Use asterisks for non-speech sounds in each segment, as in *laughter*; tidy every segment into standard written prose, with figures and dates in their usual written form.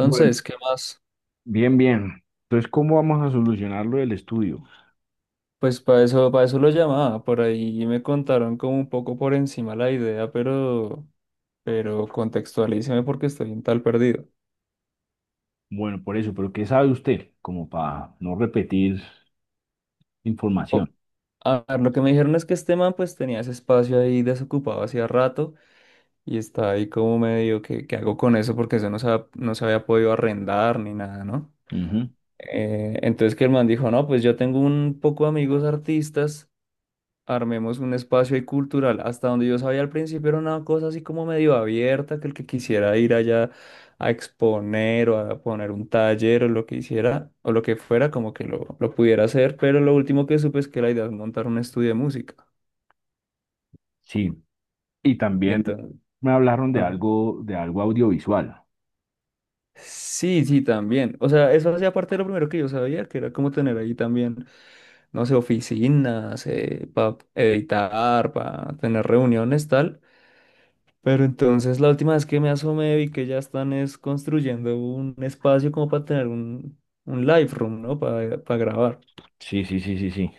Bueno, ¿qué más? bien, bien. Entonces, ¿cómo vamos a solucionar lo del estudio? Pues para eso lo llamaba, por ahí me contaron como un poco por encima la idea, pero contextualíceme porque estoy un tal perdido. Bueno, por eso, pero ¿qué sabe usted? Como para no repetir O- información. a ver, lo que me dijeron es que este man pues tenía ese espacio ahí desocupado hacía rato y está ahí como medio que, ¿qué hago con eso? Porque eso no se, no se había podido arrendar ni nada, ¿no? Ujú. Entonces que el man dijo, no, pues yo tengo un poco de amigos artistas. Armemos un espacio ahí cultural. Hasta donde yo sabía al principio era una cosa así como medio abierta, que el que quisiera ir allá a exponer o a poner un taller o lo que hiciera o lo que fuera, como que lo pudiera hacer. Pero lo último que supe es que la idea es montar un estudio de música. Sí. Y Y también entonces, me hablaron ah, de algo audiovisual. sí, sí, también. O sea, eso hacía parte de lo primero que yo sabía, que era como tener ahí también, no sé, oficinas, para editar, para tener reuniones, tal. Pero entonces la última vez que me asomé vi que ya están es construyendo un espacio como para tener un live room, ¿no? Para grabar. Sí, sí, sí, sí, sí.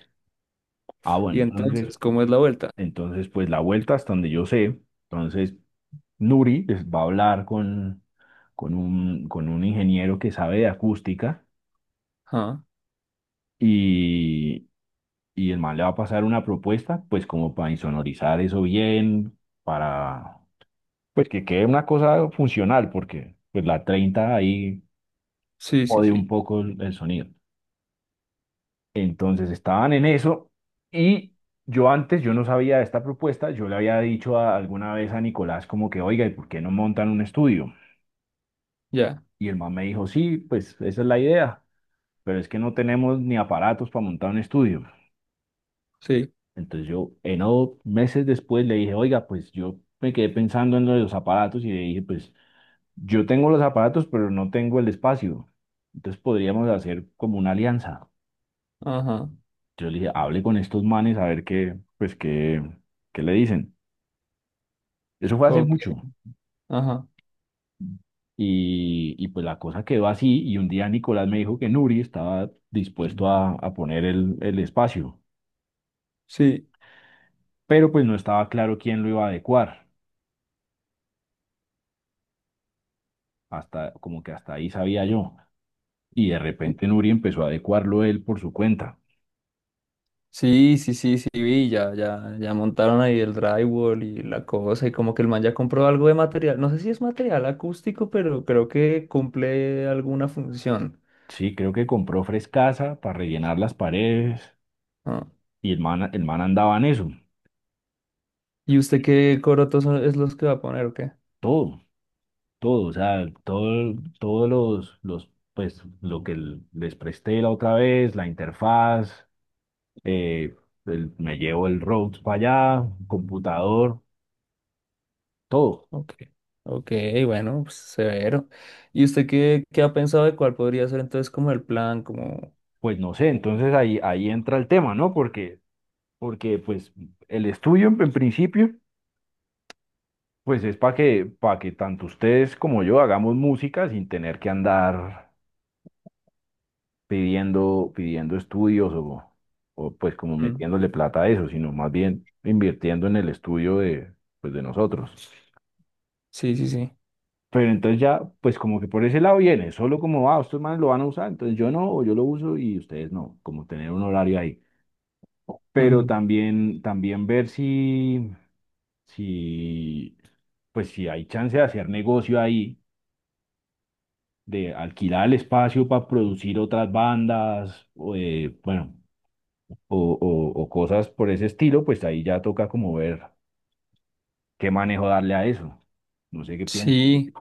Ah, bueno, Y entonces, entonces, ¿cómo es la vuelta? entonces, pues la vuelta hasta donde yo sé. Entonces, Nuri pues, va a hablar con un ingeniero que sabe de acústica Ajá. y y el man le va a pasar una propuesta, pues como para insonorizar eso bien, para pues que quede una cosa funcional, porque pues la 30 ahí Sí, sí, jode un sí. poco el sonido. Entonces estaban en eso y yo antes, yo no sabía de esta propuesta, yo le había dicho alguna vez a Nicolás como que, oiga, ¿y por qué no montan un estudio? Ya. Y el man me dijo, sí, pues esa es la idea, pero es que no tenemos ni aparatos para montar un estudio. Sí. Entonces yo, no, meses después le dije, oiga, pues yo me quedé pensando en lo de los aparatos y le dije, pues yo tengo los aparatos pero no tengo el espacio. Entonces podríamos hacer como una alianza. Ajá. Yo le dije, hable con estos manes a ver qué, pues qué, qué le dicen. Eso fue hace Ok. mucho. Ajá. Y pues la cosa quedó así y un día Nicolás me dijo que Nuri estaba dispuesto a poner el espacio, Sí. pero pues no estaba claro quién lo iba a adecuar. Hasta, como que hasta ahí sabía yo. Y de repente Nuri empezó a adecuarlo él por su cuenta. Sí, sí, sí, sí, vi, ya, ya, ya montaron ahí el drywall y la cosa, y como que el man ya compró algo de material, no sé si es material acústico, pero creo que cumple alguna función. Sí, creo que compró frescasa para rellenar las paredes Ah. y el man andaba en eso. ¿Y usted qué corotos es los que va a poner o qué? Todo, todo, o sea, todo, todos los, pues, lo que les presté la otra vez, la interfaz, eh, me llevo el Rhodes para allá, computador, todo. Ok, ok, bueno, pues, severo. ¿Y usted qué ha pensado de cuál podría ser entonces como el plan? Como... Pues no sé, entonces ahí, ahí entra el tema, ¿no? Porque, porque pues el estudio en principio pues es para que tanto ustedes como yo hagamos música sin tener que andar pidiendo, pidiendo estudios o pues como Mm. metiéndole plata a eso, sino más bien invirtiendo en el estudio de, pues de nosotros. Sí, sí, sí. Pero entonces ya, pues como que por ese lado viene, solo como, ah, estos manes lo van a usar, entonces yo no, o yo lo uso y ustedes no, como tener un horario ahí. Pero también, también ver si, si, pues si hay chance de hacer negocio ahí de alquilar el espacio para producir otras bandas, o, bueno, o, o cosas por ese estilo, pues ahí ya toca como ver qué manejo darle a eso. No sé qué piensa. Sí,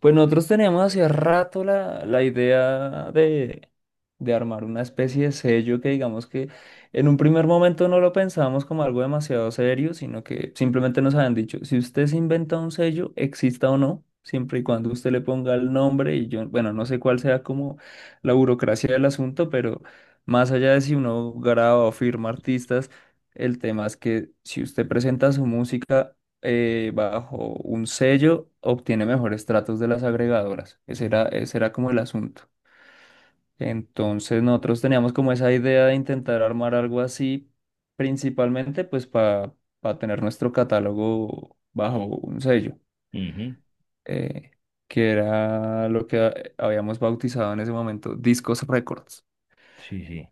pues nosotros teníamos hace rato la idea de armar una especie de sello que digamos que en un primer momento no lo pensábamos como algo demasiado serio, sino que simplemente nos habían dicho, si usted se inventa un sello, exista o no, siempre y cuando usted le ponga el nombre y yo, bueno, no sé cuál sea como la burocracia del asunto, pero más allá de si uno graba o firma artistas, el tema es que si usted presenta su música bajo un sello obtiene mejores tratos de las agregadoras. Ese era como el asunto. Entonces nosotros teníamos como esa idea de intentar armar algo así, principalmente pues para tener nuestro catálogo bajo un sello, Ujú. eh, que era lo que habíamos bautizado en ese momento, Discos Records. Sí, sí.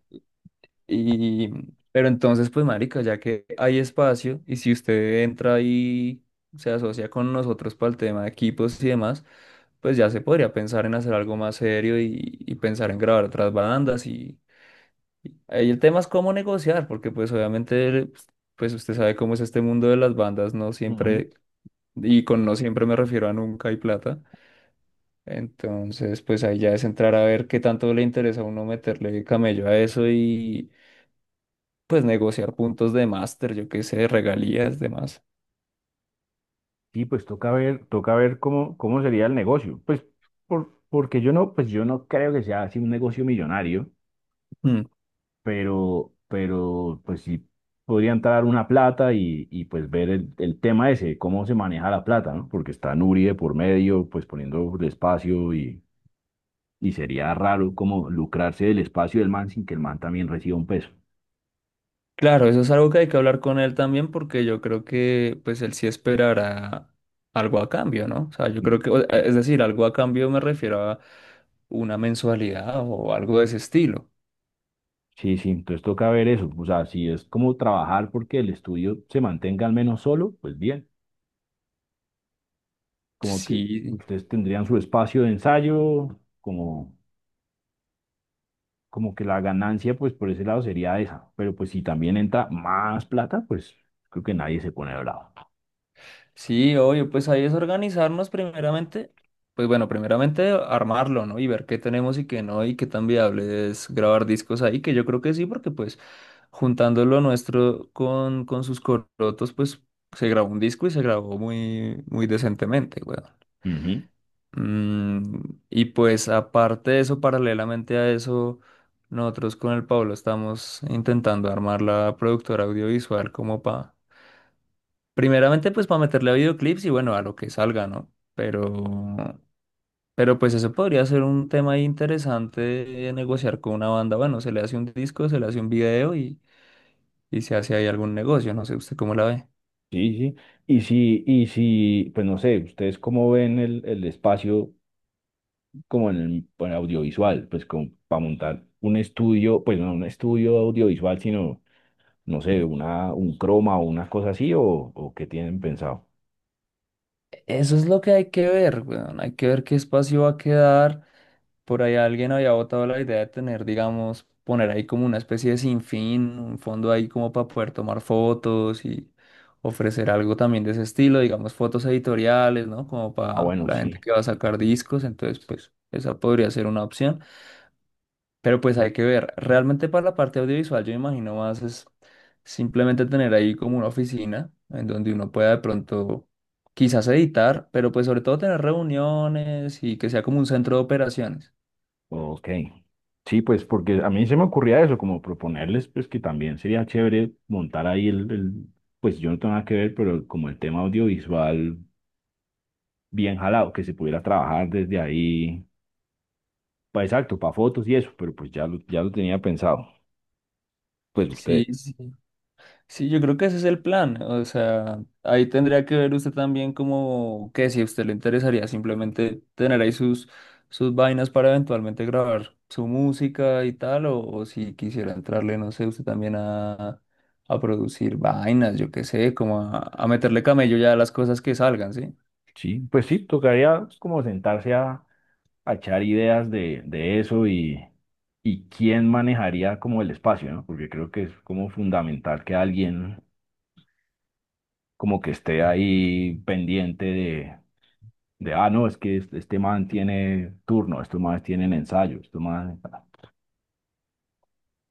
Y, pero entonces, pues, marica, ya que hay espacio y si usted entra y se asocia con nosotros para el tema de equipos y demás, pues ya se podría pensar en hacer algo más serio y pensar en grabar otras bandas. Y ahí el tema es cómo negociar, porque pues obviamente, pues usted sabe cómo es este mundo de las bandas, no Ujú. siempre, y con no siempre me refiero a nunca hay plata. Entonces, pues ahí ya es entrar a ver qué tanto le interesa a uno meterle camello a eso y pues negociar puntos de máster, yo qué sé, regalías, demás. Sí, pues toca ver cómo, cómo sería el negocio. Pues por, porque yo no, pues yo no creo que sea así un negocio millonario. Mm. Pero pues sí podría entrar una plata y pues ver el tema ese, cómo se maneja la plata, ¿no? Porque está Nuri de por medio, pues poniendo el espacio y sería raro como lucrarse del espacio del man sin que el man también reciba un peso. Claro, eso es algo que hay que hablar con él también porque yo creo que pues él sí esperará algo a cambio, ¿no? O sea, yo Sí, creo que, es decir, algo a cambio me refiero a una mensualidad o algo de ese estilo. sí, sí, entonces toca ver eso, o sea, si es como trabajar porque el estudio se mantenga al menos solo, pues bien, como que Sí. ustedes tendrían su espacio de ensayo, como como que la ganancia, pues por ese lado sería esa. Pero pues si también entra más plata, pues creo que nadie se pone bravo. Sí, obvio, pues ahí es organizarnos primeramente, pues bueno, primeramente armarlo, ¿no? Y ver qué tenemos y qué no, y qué tan viable es grabar discos ahí, que yo creo que sí, porque pues juntando lo nuestro con sus corotos, pues se grabó un disco y se grabó muy, muy decentemente, weón. Ujú. Mm, y pues aparte de eso, paralelamente a eso, nosotros con el Pablo estamos intentando armar la productora audiovisual como para primeramente, pues para meterle a videoclips y bueno, a lo que salga, ¿no? Pero pues eso podría ser un tema ahí interesante de negociar con una banda. Bueno, se le hace un disco, se le hace un video y se hace ahí algún negocio. No sé usted cómo la ve. Sí, sí. Y si, pues no sé, ustedes cómo ven el espacio como en el en audiovisual, pues como para montar un estudio, pues no un estudio audiovisual, sino, no sé, una, un croma o una cosa así, o qué tienen pensado. Eso es lo que hay que ver, weón. Hay que ver qué espacio va a quedar. Por ahí alguien había botado la idea de tener, digamos, poner ahí como una especie de sinfín, un fondo ahí como para poder tomar fotos y ofrecer algo también de ese estilo, digamos, fotos editoriales, ¿no? Como Ah, para bueno, la gente sí. que va a sacar discos, entonces pues esa podría ser una opción, pero pues hay que ver. Realmente para la parte audiovisual yo me imagino más es simplemente tener ahí como una oficina en donde uno pueda de pronto quizás editar, pero pues sobre todo tener reuniones y que sea como un centro de operaciones. Ok. Sí, pues porque a mí se me ocurría eso, como proponerles, pues que también sería chévere montar ahí el, pues yo no tengo nada que ver, pero como el tema audiovisual bien jalado, que se pudiera trabajar desde ahí, pa exacto, para fotos y eso, pero pues ya lo tenía pensado. Pues Sí, ustedes, sí, sí, yo creo que ese es el plan. O sea, ahí tendría que ver usted también como que si a usted le interesaría simplemente tener ahí sus, sus vainas para eventualmente grabar su música y tal, o si quisiera entrarle, no sé, usted también a producir vainas, yo qué sé, como a meterle camello ya a las cosas que salgan, ¿sí? sí, pues sí, tocaría como sentarse a echar ideas de eso y quién manejaría como el espacio, ¿no? Porque creo que es como fundamental que alguien como que esté ahí pendiente de ah, no, es que este man tiene turno, estos manes tienen ensayo, estos manes,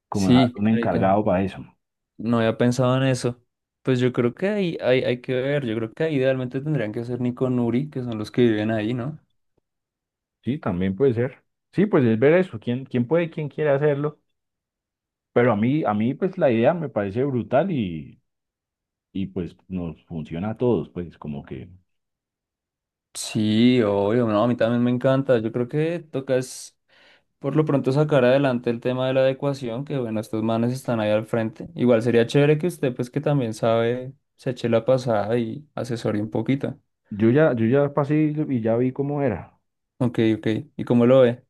como dejar Sí, un marica, encargado para eso. no había pensado en eso. Pues yo creo que ahí hay, hay que ver, yo creo que ahí idealmente tendrían que ser Nico Nuri, que son los que viven ahí, ¿no? Sí, también puede ser. Sí, pues es ver eso, quién, quién puede, quién quiere hacerlo. Pero a mí, pues la idea me parece brutal y pues nos funciona a todos, pues como que Sí, obvio, no, a mí también me encanta. Yo creo que toca es por lo pronto sacar adelante el tema de la adecuación, que bueno, estos manes están ahí al frente. Igual sería chévere que usted, pues que también sabe, se eche la pasada y asesore un poquito. yo ya, yo ya pasé y ya vi cómo era. Ok, ok. ¿Y cómo lo ve?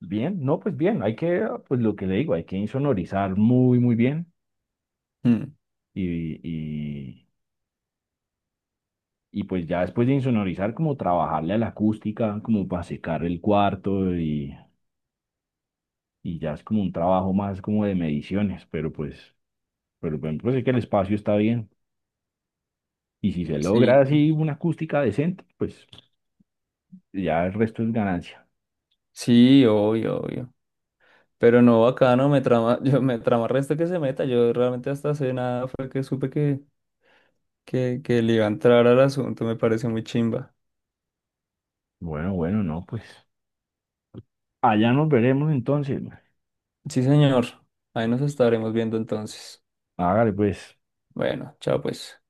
Bien, no, pues bien, hay que, pues lo que le digo, hay que insonorizar muy, muy bien Mm. y, y, y pues ya después de insonorizar, como trabajarle a la acústica, como para secar el cuarto y ya es como un trabajo más como de mediciones, pero pues, pero por ejemplo sé que el espacio está bien. Y si se logra Sí, así una acústica decente, pues ya el resto es ganancia. sí, obvio, obvio. Pero no, acá no me trama, *laughs* yo me trama resto que se meta. Yo realmente hasta hace nada fue que supe que le iba a entrar al asunto, me parece muy chimba. Bueno, bueno, no, pues allá nos veremos entonces. Sí, señor. Ahí nos estaremos viendo entonces. Hágale pues. Bueno, chao pues.